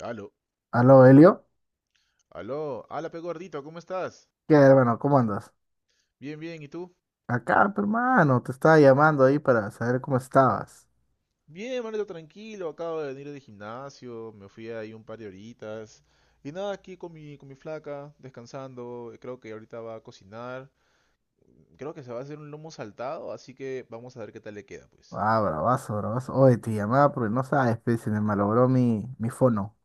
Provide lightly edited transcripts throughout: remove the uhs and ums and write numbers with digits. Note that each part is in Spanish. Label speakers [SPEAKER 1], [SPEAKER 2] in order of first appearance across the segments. [SPEAKER 1] Aló,
[SPEAKER 2] Aló, Helio.
[SPEAKER 1] aló, ala pe gordito, ¿cómo estás?
[SPEAKER 2] ¿Qué, hermano? ¿Cómo andas?
[SPEAKER 1] Bien, bien, ¿y tú?
[SPEAKER 2] Acá, pero, hermano, te estaba llamando ahí para saber cómo estabas.
[SPEAKER 1] Bien, manito, tranquilo, acabo de venir del gimnasio, me fui ahí un par de horitas. Y nada, aquí con mi flaca, descansando, creo que ahorita va a cocinar. Creo que se va a hacer un lomo saltado, así que vamos a ver qué tal le queda, pues.
[SPEAKER 2] Ah, bravazo, bravazo. Oye, te llamaba porque no sabes, pe, se me malogró mi fono.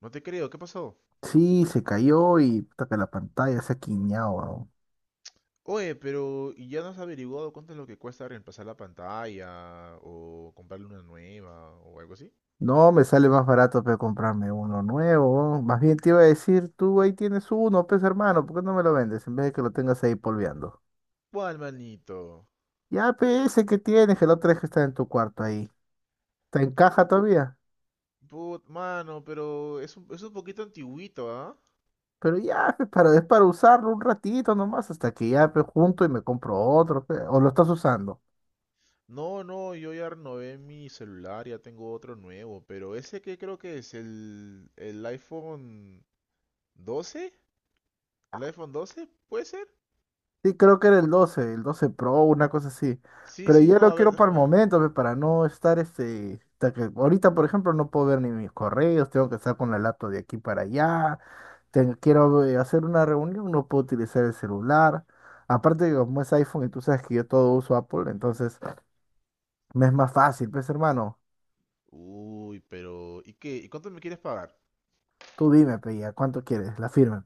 [SPEAKER 1] No te creo, ¿qué pasó?
[SPEAKER 2] Sí, se cayó y puta que la pantalla se ha quiñado, weón.
[SPEAKER 1] Oye, pero ¿y ya no has averiguado cuánto es lo que cuesta reemplazar la pantalla o comprarle una nueva o algo así?
[SPEAKER 2] No, me sale más barato, pe, comprarme uno nuevo, weón. Más bien te iba a decir, tú ahí tienes uno, pues, hermano, ¿por qué no me lo vendes en vez de que lo tengas ahí polveando?
[SPEAKER 1] ¿Cuál, manito?
[SPEAKER 2] Ya, pe, ese que tienes, que el otro es que está en tu cuarto ahí. ¿Te encaja todavía?
[SPEAKER 1] Put, mano, pero es un poquito antiguito, ¿ah?
[SPEAKER 2] Pero ya, pues, es para usarlo un ratito nomás, hasta que ya pues, junto y me compro otro, pues, o lo estás usando.
[SPEAKER 1] No, no, yo ya renové mi celular, ya tengo otro nuevo, pero ese que creo que es el iPhone 12, el iPhone 12, ¿puede ser?
[SPEAKER 2] Sí, creo que era el doce Pro, una cosa así.
[SPEAKER 1] Sí,
[SPEAKER 2] Pero
[SPEAKER 1] sí,
[SPEAKER 2] yo
[SPEAKER 1] no,
[SPEAKER 2] lo
[SPEAKER 1] a ver,
[SPEAKER 2] quiero para el
[SPEAKER 1] déjame ver.
[SPEAKER 2] momento, pues, para no estar este, hasta que ahorita, por ejemplo, no puedo ver ni mis correos, tengo que estar con la laptop de aquí para allá, quiero hacer una reunión, no puedo utilizar el celular. Aparte que como es iPhone y tú sabes que yo todo uso Apple, entonces me es más fácil, pues hermano,
[SPEAKER 1] Uy, pero, ¿y qué? ¿Y cuánto me quieres pagar?
[SPEAKER 2] tú dime, pues, ya, ¿cuánto quieres? La firma.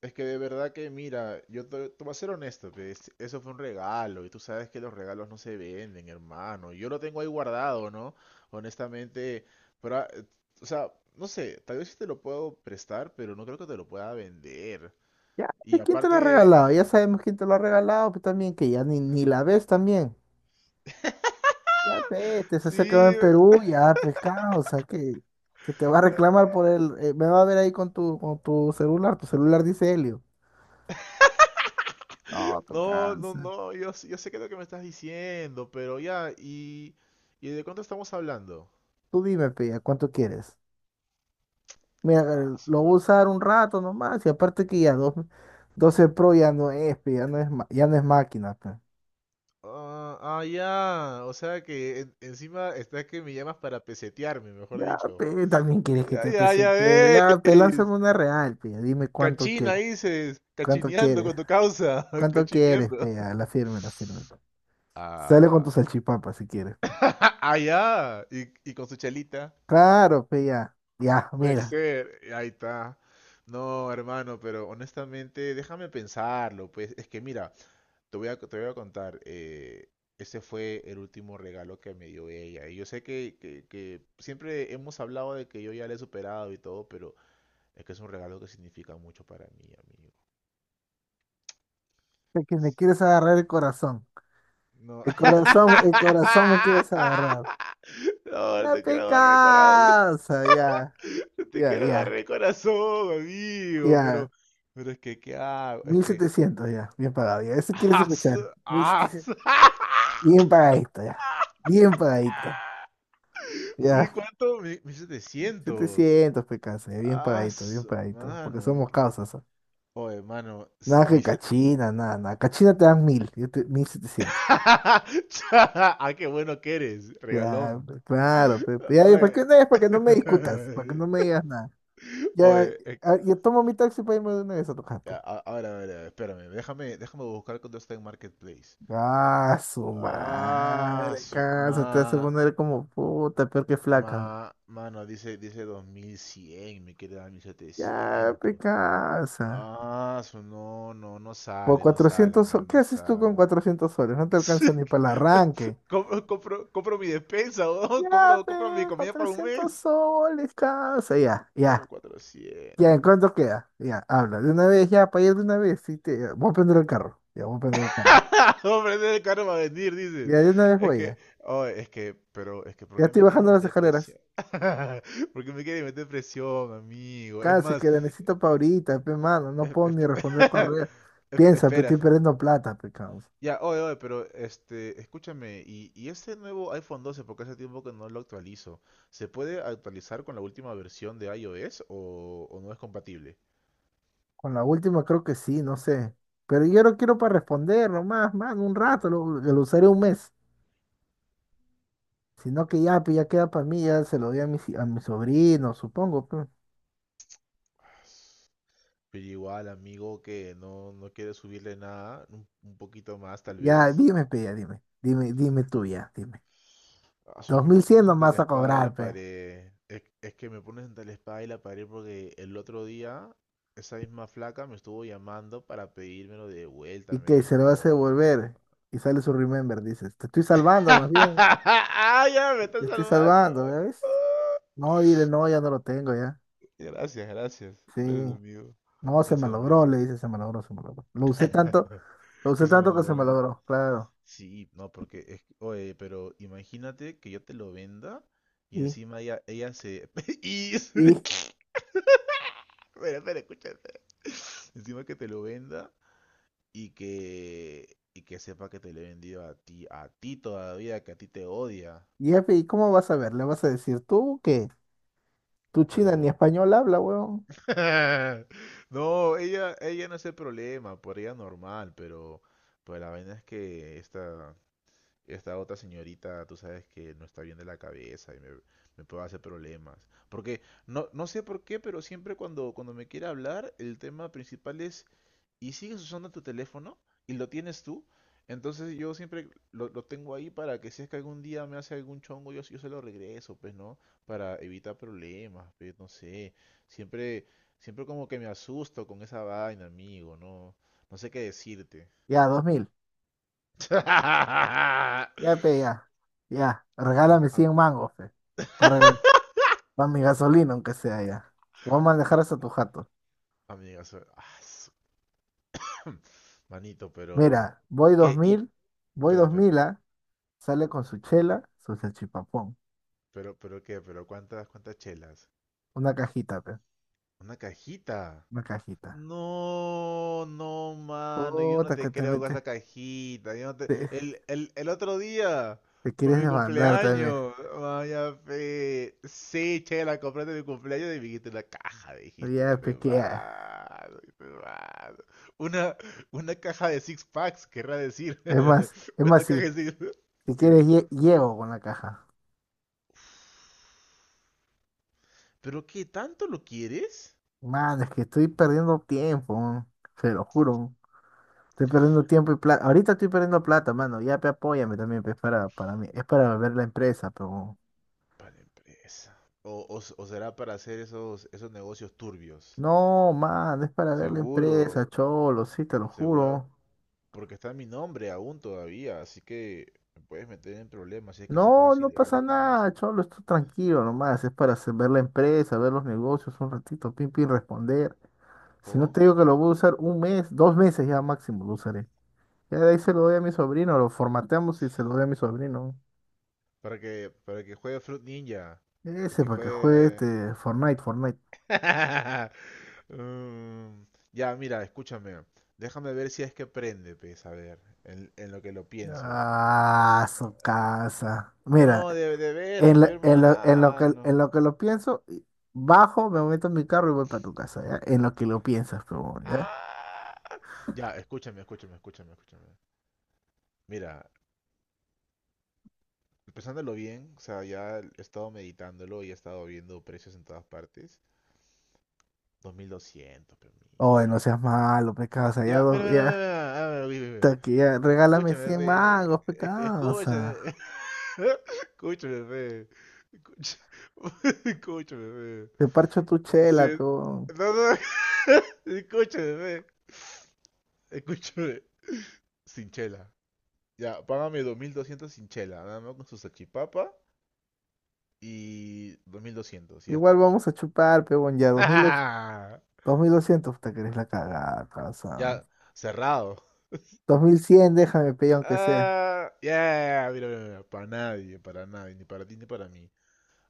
[SPEAKER 1] Es que de verdad que, mira, te voy a ser honesto, pues, eso fue un regalo y tú sabes que los regalos no se venden, hermano. Yo lo tengo ahí guardado, ¿no? Honestamente, pero, o sea, no sé, tal vez sí te lo puedo prestar, pero no creo que te lo pueda vender.
[SPEAKER 2] Ya,
[SPEAKER 1] Y
[SPEAKER 2] pues, ¿quién te lo ha
[SPEAKER 1] aparte,
[SPEAKER 2] regalado? Ya sabemos quién te lo ha regalado, pues también que ya ni la ves también. Ya, vete, se hace que va en
[SPEAKER 1] sí,
[SPEAKER 2] Perú, ya, pescado, o sea, que te va a reclamar por me va a ver ahí con tu celular, tu celular dice Helio. No, te
[SPEAKER 1] no, no,
[SPEAKER 2] cansa.
[SPEAKER 1] no, yo sé que es lo que me estás diciendo, pero ya, y de cuánto estamos hablando?
[SPEAKER 2] Tú dime, pe, ¿a cuánto quieres? Mira,
[SPEAKER 1] Ah, su
[SPEAKER 2] lo voy a usar un
[SPEAKER 1] gordito.
[SPEAKER 2] rato nomás, y aparte que ya 12 Pro ya no es, pe, ya no es máquina, pe.
[SPEAKER 1] Ah, ah, ya. O sea que encima está que me llamas para pesetearme, mejor
[SPEAKER 2] Ya,
[SPEAKER 1] dicho.
[SPEAKER 2] pe, también quieres que
[SPEAKER 1] Ya,
[SPEAKER 2] te
[SPEAKER 1] ya, ya
[SPEAKER 2] presente,
[SPEAKER 1] ves.
[SPEAKER 2] ya, pe, lánzame una real, pe, dime cuánto
[SPEAKER 1] Cachina
[SPEAKER 2] quieres.
[SPEAKER 1] dices.
[SPEAKER 2] ¿Cuánto
[SPEAKER 1] Cachineando
[SPEAKER 2] quieres?
[SPEAKER 1] con tu causa.
[SPEAKER 2] ¿Cuánto quieres, pe?
[SPEAKER 1] Cachineando.
[SPEAKER 2] Ya, la firme, la firme. Sale con tu
[SPEAKER 1] Ah,
[SPEAKER 2] salchipapa si quieres, pe.
[SPEAKER 1] ah, ya. Y con su chalita.
[SPEAKER 2] Claro, pe, ya. Ya,
[SPEAKER 1] Puede
[SPEAKER 2] mira.
[SPEAKER 1] ser. Ahí está. No, hermano, pero honestamente, déjame pensarlo. Pues es que mira, te voy a contar, ese fue el último regalo que me dio ella. Y yo sé que, que siempre hemos hablado de que yo ya le he superado y todo, pero es que es un regalo que significa mucho para mí, amigo.
[SPEAKER 2] Sé que me
[SPEAKER 1] Sí,
[SPEAKER 2] quieres agarrar el corazón.
[SPEAKER 1] no.
[SPEAKER 2] El corazón, el corazón me quieres agarrar.
[SPEAKER 1] No, no
[SPEAKER 2] Ya
[SPEAKER 1] te
[SPEAKER 2] te
[SPEAKER 1] quiero agarrar el corazón.
[SPEAKER 2] cansa, ya.
[SPEAKER 1] Te
[SPEAKER 2] Ya,
[SPEAKER 1] quiero agarrar
[SPEAKER 2] ya,
[SPEAKER 1] el corazón, amigo.
[SPEAKER 2] ya.
[SPEAKER 1] Pero es que, ¿qué hago? Es
[SPEAKER 2] mil
[SPEAKER 1] que.
[SPEAKER 2] setecientos ya. Bien pagado, ya. Eso quieres
[SPEAKER 1] ¡As!
[SPEAKER 2] escuchar.
[SPEAKER 1] ¡As!
[SPEAKER 2] 1.700. Bien pagadito, ya. Bien pagadito.
[SPEAKER 1] ¿Mi
[SPEAKER 2] Ya.
[SPEAKER 1] cuánto? Mi, 1700.
[SPEAKER 2] Setecientos pe, cansa, ya. Bien
[SPEAKER 1] Ah,
[SPEAKER 2] pagadito, bien pagadito. Porque
[SPEAKER 1] mano.
[SPEAKER 2] somos causas. ¿Ah?
[SPEAKER 1] Oye, mano.
[SPEAKER 2] Nada
[SPEAKER 1] Mi
[SPEAKER 2] que
[SPEAKER 1] set
[SPEAKER 2] cachina, nada, nada. Cachina te dan 1.000, yo te, 1.700.
[SPEAKER 1] Cha, ah, qué bueno que eres,
[SPEAKER 2] Ya,
[SPEAKER 1] regalón.
[SPEAKER 2] claro, ya, ¿para
[SPEAKER 1] Oye.
[SPEAKER 2] qué no es? Para que no me discutas, para que no me digas nada. Ya,
[SPEAKER 1] Oye,
[SPEAKER 2] ah, yo tomo mi taxi para irme de una vez a tu jato.
[SPEAKER 1] a ver, a ver, a ver, espérame. Déjame buscar cuando está en Marketplace.
[SPEAKER 2] Ah, su
[SPEAKER 1] Ah,
[SPEAKER 2] madre, casa, te hace poner como puta, peor que flaca.
[SPEAKER 1] mano, dice dos mil cien, me queda mil
[SPEAKER 2] Ya, pe
[SPEAKER 1] setecientos.
[SPEAKER 2] casa.
[SPEAKER 1] Ah, no, no, no
[SPEAKER 2] Por
[SPEAKER 1] sale, no sale,
[SPEAKER 2] 400
[SPEAKER 1] amigo,
[SPEAKER 2] soles, ¿qué
[SPEAKER 1] no
[SPEAKER 2] haces tú con
[SPEAKER 1] sale.
[SPEAKER 2] 400 soles? No te alcanza ni para el arranque.
[SPEAKER 1] Compro mi despensa, weón,
[SPEAKER 2] Ya, pe,
[SPEAKER 1] compro mi comida para un
[SPEAKER 2] 400
[SPEAKER 1] mes.
[SPEAKER 2] soles, casa, ya,
[SPEAKER 1] Como
[SPEAKER 2] ya. Ya,
[SPEAKER 1] cuatrocientos,
[SPEAKER 2] ¿en cuánto
[SPEAKER 1] hermano.
[SPEAKER 2] queda? Ya, habla. De una vez, ya, para ir de una vez. Sí, te... Voy a prender el carro. Ya, voy a prender el carro.
[SPEAKER 1] Hombre, ese carro va a venir, dices.
[SPEAKER 2] Ya, de una vez
[SPEAKER 1] Es
[SPEAKER 2] voy,
[SPEAKER 1] que,
[SPEAKER 2] ya.
[SPEAKER 1] oh, es que, pero, es que, ¿por
[SPEAKER 2] Ya
[SPEAKER 1] qué
[SPEAKER 2] estoy
[SPEAKER 1] me quieres
[SPEAKER 2] bajando las
[SPEAKER 1] meter
[SPEAKER 2] escaleras.
[SPEAKER 1] presión? ¿Por qué me quieres meter presión, amigo? Es
[SPEAKER 2] Cállense,
[SPEAKER 1] más,
[SPEAKER 2] que la necesito para ahorita, pe, mano. No
[SPEAKER 1] es-
[SPEAKER 2] puedo ni
[SPEAKER 1] es-
[SPEAKER 2] responder correo. Piensa, pe,
[SPEAKER 1] espera.
[SPEAKER 2] estoy perdiendo plata, pe, causa.
[SPEAKER 1] Ya, oye, pero este, escúchame, y ese nuevo iPhone 12, porque hace tiempo que no lo actualizo, ¿se puede actualizar con la última versión de iOS o no es compatible?
[SPEAKER 2] Con la última creo que sí, no sé. Pero yo no quiero para responder nomás, mano, un rato. Lo usaré un mes. Sino que ya, pe, ya queda para mí. Ya se lo doy a mi sobrino, supongo, pe.
[SPEAKER 1] Pero igual, amigo, que no, no quiere subirle nada, un poquito más tal
[SPEAKER 2] Ya,
[SPEAKER 1] vez.
[SPEAKER 2] dime, pe, ya, dime. Dime, dime tú ya, dime.
[SPEAKER 1] Ah, es que me
[SPEAKER 2] 2.100
[SPEAKER 1] pones entre
[SPEAKER 2] nomás
[SPEAKER 1] la
[SPEAKER 2] a
[SPEAKER 1] espada y la
[SPEAKER 2] cobrar, pe.
[SPEAKER 1] pared. Es que me pones entre la espada y la pared porque el otro día esa misma flaca me estuvo llamando para pedírmelo de
[SPEAKER 2] Y
[SPEAKER 1] vuelta. Me
[SPEAKER 2] que se lo hace
[SPEAKER 1] dijo,
[SPEAKER 2] volver y sale su remember, dices, te estoy salvando más bien,
[SPEAKER 1] ah, ya me está
[SPEAKER 2] te estoy
[SPEAKER 1] salvando.
[SPEAKER 2] salvando, ¿ya ves?
[SPEAKER 1] Ah.
[SPEAKER 2] No, dile, no, ya no lo tengo, ya.
[SPEAKER 1] Gracias, gracias.
[SPEAKER 2] Sí,
[SPEAKER 1] Gracias, amigo.
[SPEAKER 2] no, se me
[SPEAKER 1] Gracias,
[SPEAKER 2] logró,
[SPEAKER 1] amigo.
[SPEAKER 2] le dice, se me logró, se me logró. Lo
[SPEAKER 1] ¿Qué
[SPEAKER 2] usé
[SPEAKER 1] se me
[SPEAKER 2] tanto que se me
[SPEAKER 1] acuerdo?
[SPEAKER 2] logró, claro.
[SPEAKER 1] Sí, no, porque oye, pero imagínate que yo te lo venda y
[SPEAKER 2] Y,
[SPEAKER 1] encima ella se y espera,
[SPEAKER 2] y,
[SPEAKER 1] espera, escúchate. Encima que te lo venda y que sepa que te lo he vendido a ti todavía, que a ti te odia,
[SPEAKER 2] jefe, ¿y cómo vas a ver? ¿Le vas a decir tú que tú china ni
[SPEAKER 1] pero
[SPEAKER 2] español habla, weón?
[SPEAKER 1] no, ella no es el problema, por ella normal, pero pues la vaina es que esta otra señorita, tú sabes que no está bien de la cabeza y me puede hacer problemas. Porque no, no sé por qué, pero siempre cuando me quiere hablar, el tema principal es y sigues usando tu teléfono y lo tienes tú, entonces yo siempre lo tengo ahí para que si es que algún día me hace algún chongo, yo se lo regreso, pues, ¿no? Para evitar problemas, pues, no sé. Siempre, siempre como que me asusto con esa vaina, amigo, ¿no? No sé qué decirte.
[SPEAKER 2] Ya, 2.000, ya, pe, ya, ya,
[SPEAKER 1] Am-
[SPEAKER 2] regálame
[SPEAKER 1] am-
[SPEAKER 2] 100 mangos, fe, para, para mi gasolina, aunque sea, ya. Vamos a
[SPEAKER 1] a-
[SPEAKER 2] manejar hasta tu jato.
[SPEAKER 1] amigas, manito, pero...
[SPEAKER 2] Mira,
[SPEAKER 1] ¿Qué? Y...
[SPEAKER 2] Voy
[SPEAKER 1] Espera, espera,
[SPEAKER 2] 2.000,
[SPEAKER 1] espera.
[SPEAKER 2] ¿ah? Sale con su chela, su salchipapón.
[SPEAKER 1] Pero qué, pero cuántas, cuántas chelas.
[SPEAKER 2] Una cajita, pe,
[SPEAKER 1] Una cajita.
[SPEAKER 2] una cajita.
[SPEAKER 1] No, no, mano, yo no
[SPEAKER 2] Puta, que
[SPEAKER 1] te creo
[SPEAKER 2] también
[SPEAKER 1] con esa cajita. Yo no te...
[SPEAKER 2] te-
[SPEAKER 1] el otro día,
[SPEAKER 2] te
[SPEAKER 1] por
[SPEAKER 2] quieres
[SPEAKER 1] mi
[SPEAKER 2] desbandar también.
[SPEAKER 1] cumpleaños, vaya fe. Sí, che, la compré de mi cumpleaños y me dijiste una caja, dijiste,
[SPEAKER 2] Ya,
[SPEAKER 1] ya me
[SPEAKER 2] pe, que ya.
[SPEAKER 1] mano, ya me mano. Una, una caja de six packs, querrá decir.
[SPEAKER 2] Es
[SPEAKER 1] Una
[SPEAKER 2] más,
[SPEAKER 1] caja de six
[SPEAKER 2] si quieres, llego con la caja.
[SPEAKER 1] Pero ¿qué tanto lo quieres?
[SPEAKER 2] Man, es que estoy perdiendo tiempo, man. Se lo juro, man. Estoy perdiendo tiempo y plata. Ahorita estoy perdiendo plata, mano. Ya, pe, apóyame también, pe, es para mí. Es para ver la empresa, pero.
[SPEAKER 1] Para empresa. O, o- o será para hacer esos, esos negocios turbios.
[SPEAKER 2] No, man, es para ver la
[SPEAKER 1] Seguro.
[SPEAKER 2] empresa, cholo, sí, te lo
[SPEAKER 1] Seguro,
[SPEAKER 2] juro.
[SPEAKER 1] porque está mi nombre aún todavía, así que me puedes meter en problemas si es que haces
[SPEAKER 2] No,
[SPEAKER 1] cosas
[SPEAKER 2] no
[SPEAKER 1] ilegales
[SPEAKER 2] pasa
[SPEAKER 1] con
[SPEAKER 2] nada,
[SPEAKER 1] eso.
[SPEAKER 2] cholo, estoy tranquilo nomás, es para ver la empresa, ver los negocios un ratito, pim, pim, responder. Si no
[SPEAKER 1] ¿Cómo?
[SPEAKER 2] te digo que lo
[SPEAKER 1] ¿Cómo?
[SPEAKER 2] voy a usar un mes, 2 meses ya máximo lo usaré. Ya de ahí se lo doy a mi sobrino, lo formateamos y se lo doy a mi sobrino.
[SPEAKER 1] Para que juegue Fruit Ninja. Para
[SPEAKER 2] Ese
[SPEAKER 1] que
[SPEAKER 2] para que juegue
[SPEAKER 1] juegue...
[SPEAKER 2] este Fortnite, Fortnite.
[SPEAKER 1] Mm, ya, mira, escúchame. Déjame ver si es que prende, pues, a ver, en lo que lo pienso.
[SPEAKER 2] Ah, su
[SPEAKER 1] Eh,
[SPEAKER 2] casa. Mira,
[SPEAKER 1] no, de
[SPEAKER 2] en,
[SPEAKER 1] veras,
[SPEAKER 2] la- en
[SPEAKER 1] hermano.
[SPEAKER 2] lo que lo pienso, y bajo, me meto en mi carro y voy para tu casa, ¿ya? En lo que lo piensas, pero, ¿ya?
[SPEAKER 1] Ah. Ya, escúchame, escúchame, escúchame, escúchame. Mira, pensándolo bien, o sea, ya he estado meditándolo y he estado viendo precios en todas partes. 2200, pero
[SPEAKER 2] Oye,
[SPEAKER 1] mi...
[SPEAKER 2] no seas malo, me casa, ya,
[SPEAKER 1] Ya, mira, mira, mira,
[SPEAKER 2] ya.
[SPEAKER 1] mira, ah, mira, mira, mira.
[SPEAKER 2] Puta que ya, regálame
[SPEAKER 1] Escúchame,
[SPEAKER 2] 100
[SPEAKER 1] re.
[SPEAKER 2] mangos, pecado. O sea,
[SPEAKER 1] Escúchame. Escúchame, re. Escucha- Escúchame, re.
[SPEAKER 2] te parcho tu chela,
[SPEAKER 1] Se-
[SPEAKER 2] peón.
[SPEAKER 1] No, no, escúchame, re. Escúchame. Sin chela. Ya, págame 2200 sin chela, nada más con su salchipapa y 2200 y ya
[SPEAKER 2] Igual
[SPEAKER 1] está.
[SPEAKER 2] vamos a chupar, peón. Ya, 2.200, 2.200, puta que eres la cagada, o sea.
[SPEAKER 1] Ya, cerrado.
[SPEAKER 2] Cien, déjame, peón, aunque sea.
[SPEAKER 1] Ah, yeah, mira, mira, mira, para nadie, ni para ti ni para mí.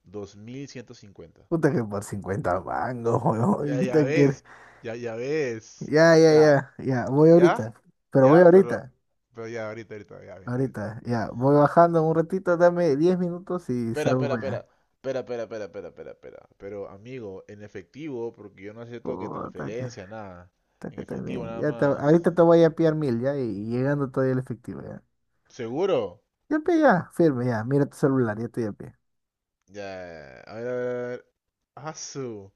[SPEAKER 1] Dos mil ciento cincuenta.
[SPEAKER 2] Puta que por 50 mangos, weón.
[SPEAKER 1] Ya, ya
[SPEAKER 2] puta que eres-
[SPEAKER 1] ves, ya, ya ves.
[SPEAKER 2] Ya, ya,
[SPEAKER 1] Ya,
[SPEAKER 2] ya, ya, voy
[SPEAKER 1] ya,
[SPEAKER 2] ahorita. Pero voy
[SPEAKER 1] ya,
[SPEAKER 2] ahorita,
[SPEAKER 1] pero ya, ahorita, ahorita, ya, vente, vente.
[SPEAKER 2] ahorita. Ya, voy bajando un ratito, dame 10 minutos y
[SPEAKER 1] Espera,
[SPEAKER 2] salgo
[SPEAKER 1] espera,
[SPEAKER 2] para
[SPEAKER 1] espera,
[SPEAKER 2] allá.
[SPEAKER 1] espera, espera, espera, espera, espera, espera. Pero, amigo, en efectivo, porque yo no acepto que
[SPEAKER 2] Puta que,
[SPEAKER 1] transferencia, nada.
[SPEAKER 2] puta
[SPEAKER 1] En
[SPEAKER 2] que
[SPEAKER 1] efectivo,
[SPEAKER 2] también.
[SPEAKER 1] nada
[SPEAKER 2] Ya
[SPEAKER 1] más.
[SPEAKER 2] ahorita te voy a pillar 1.000, ya, y llegando todavía el efectivo, ya.
[SPEAKER 1] ¿Seguro?
[SPEAKER 2] Ya pe, ya, firme, ya. Mira tu celular, ya estoy a pie.
[SPEAKER 1] Ya, a ver, a ver, a ver. Asu,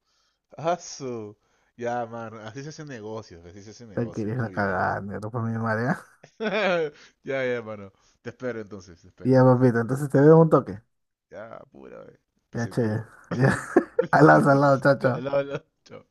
[SPEAKER 1] asu. Ya, mano, así se hacen negocios, así se hacen
[SPEAKER 2] Ya
[SPEAKER 1] negocios.
[SPEAKER 2] quieres la
[SPEAKER 1] Muy bien, muy bien.
[SPEAKER 2] cagada, negro, por mi madre. ¿Ah?
[SPEAKER 1] Ya, ya, mano. Te espero entonces, te espero.
[SPEAKER 2] Ya, papito, entonces te veo en un toque.
[SPEAKER 1] Ya, pura,
[SPEAKER 2] Ya, che.
[SPEAKER 1] pesetero.
[SPEAKER 2] Ya. Al lado, chao,
[SPEAKER 1] Al
[SPEAKER 2] chao.
[SPEAKER 1] lado, al lado. Chao.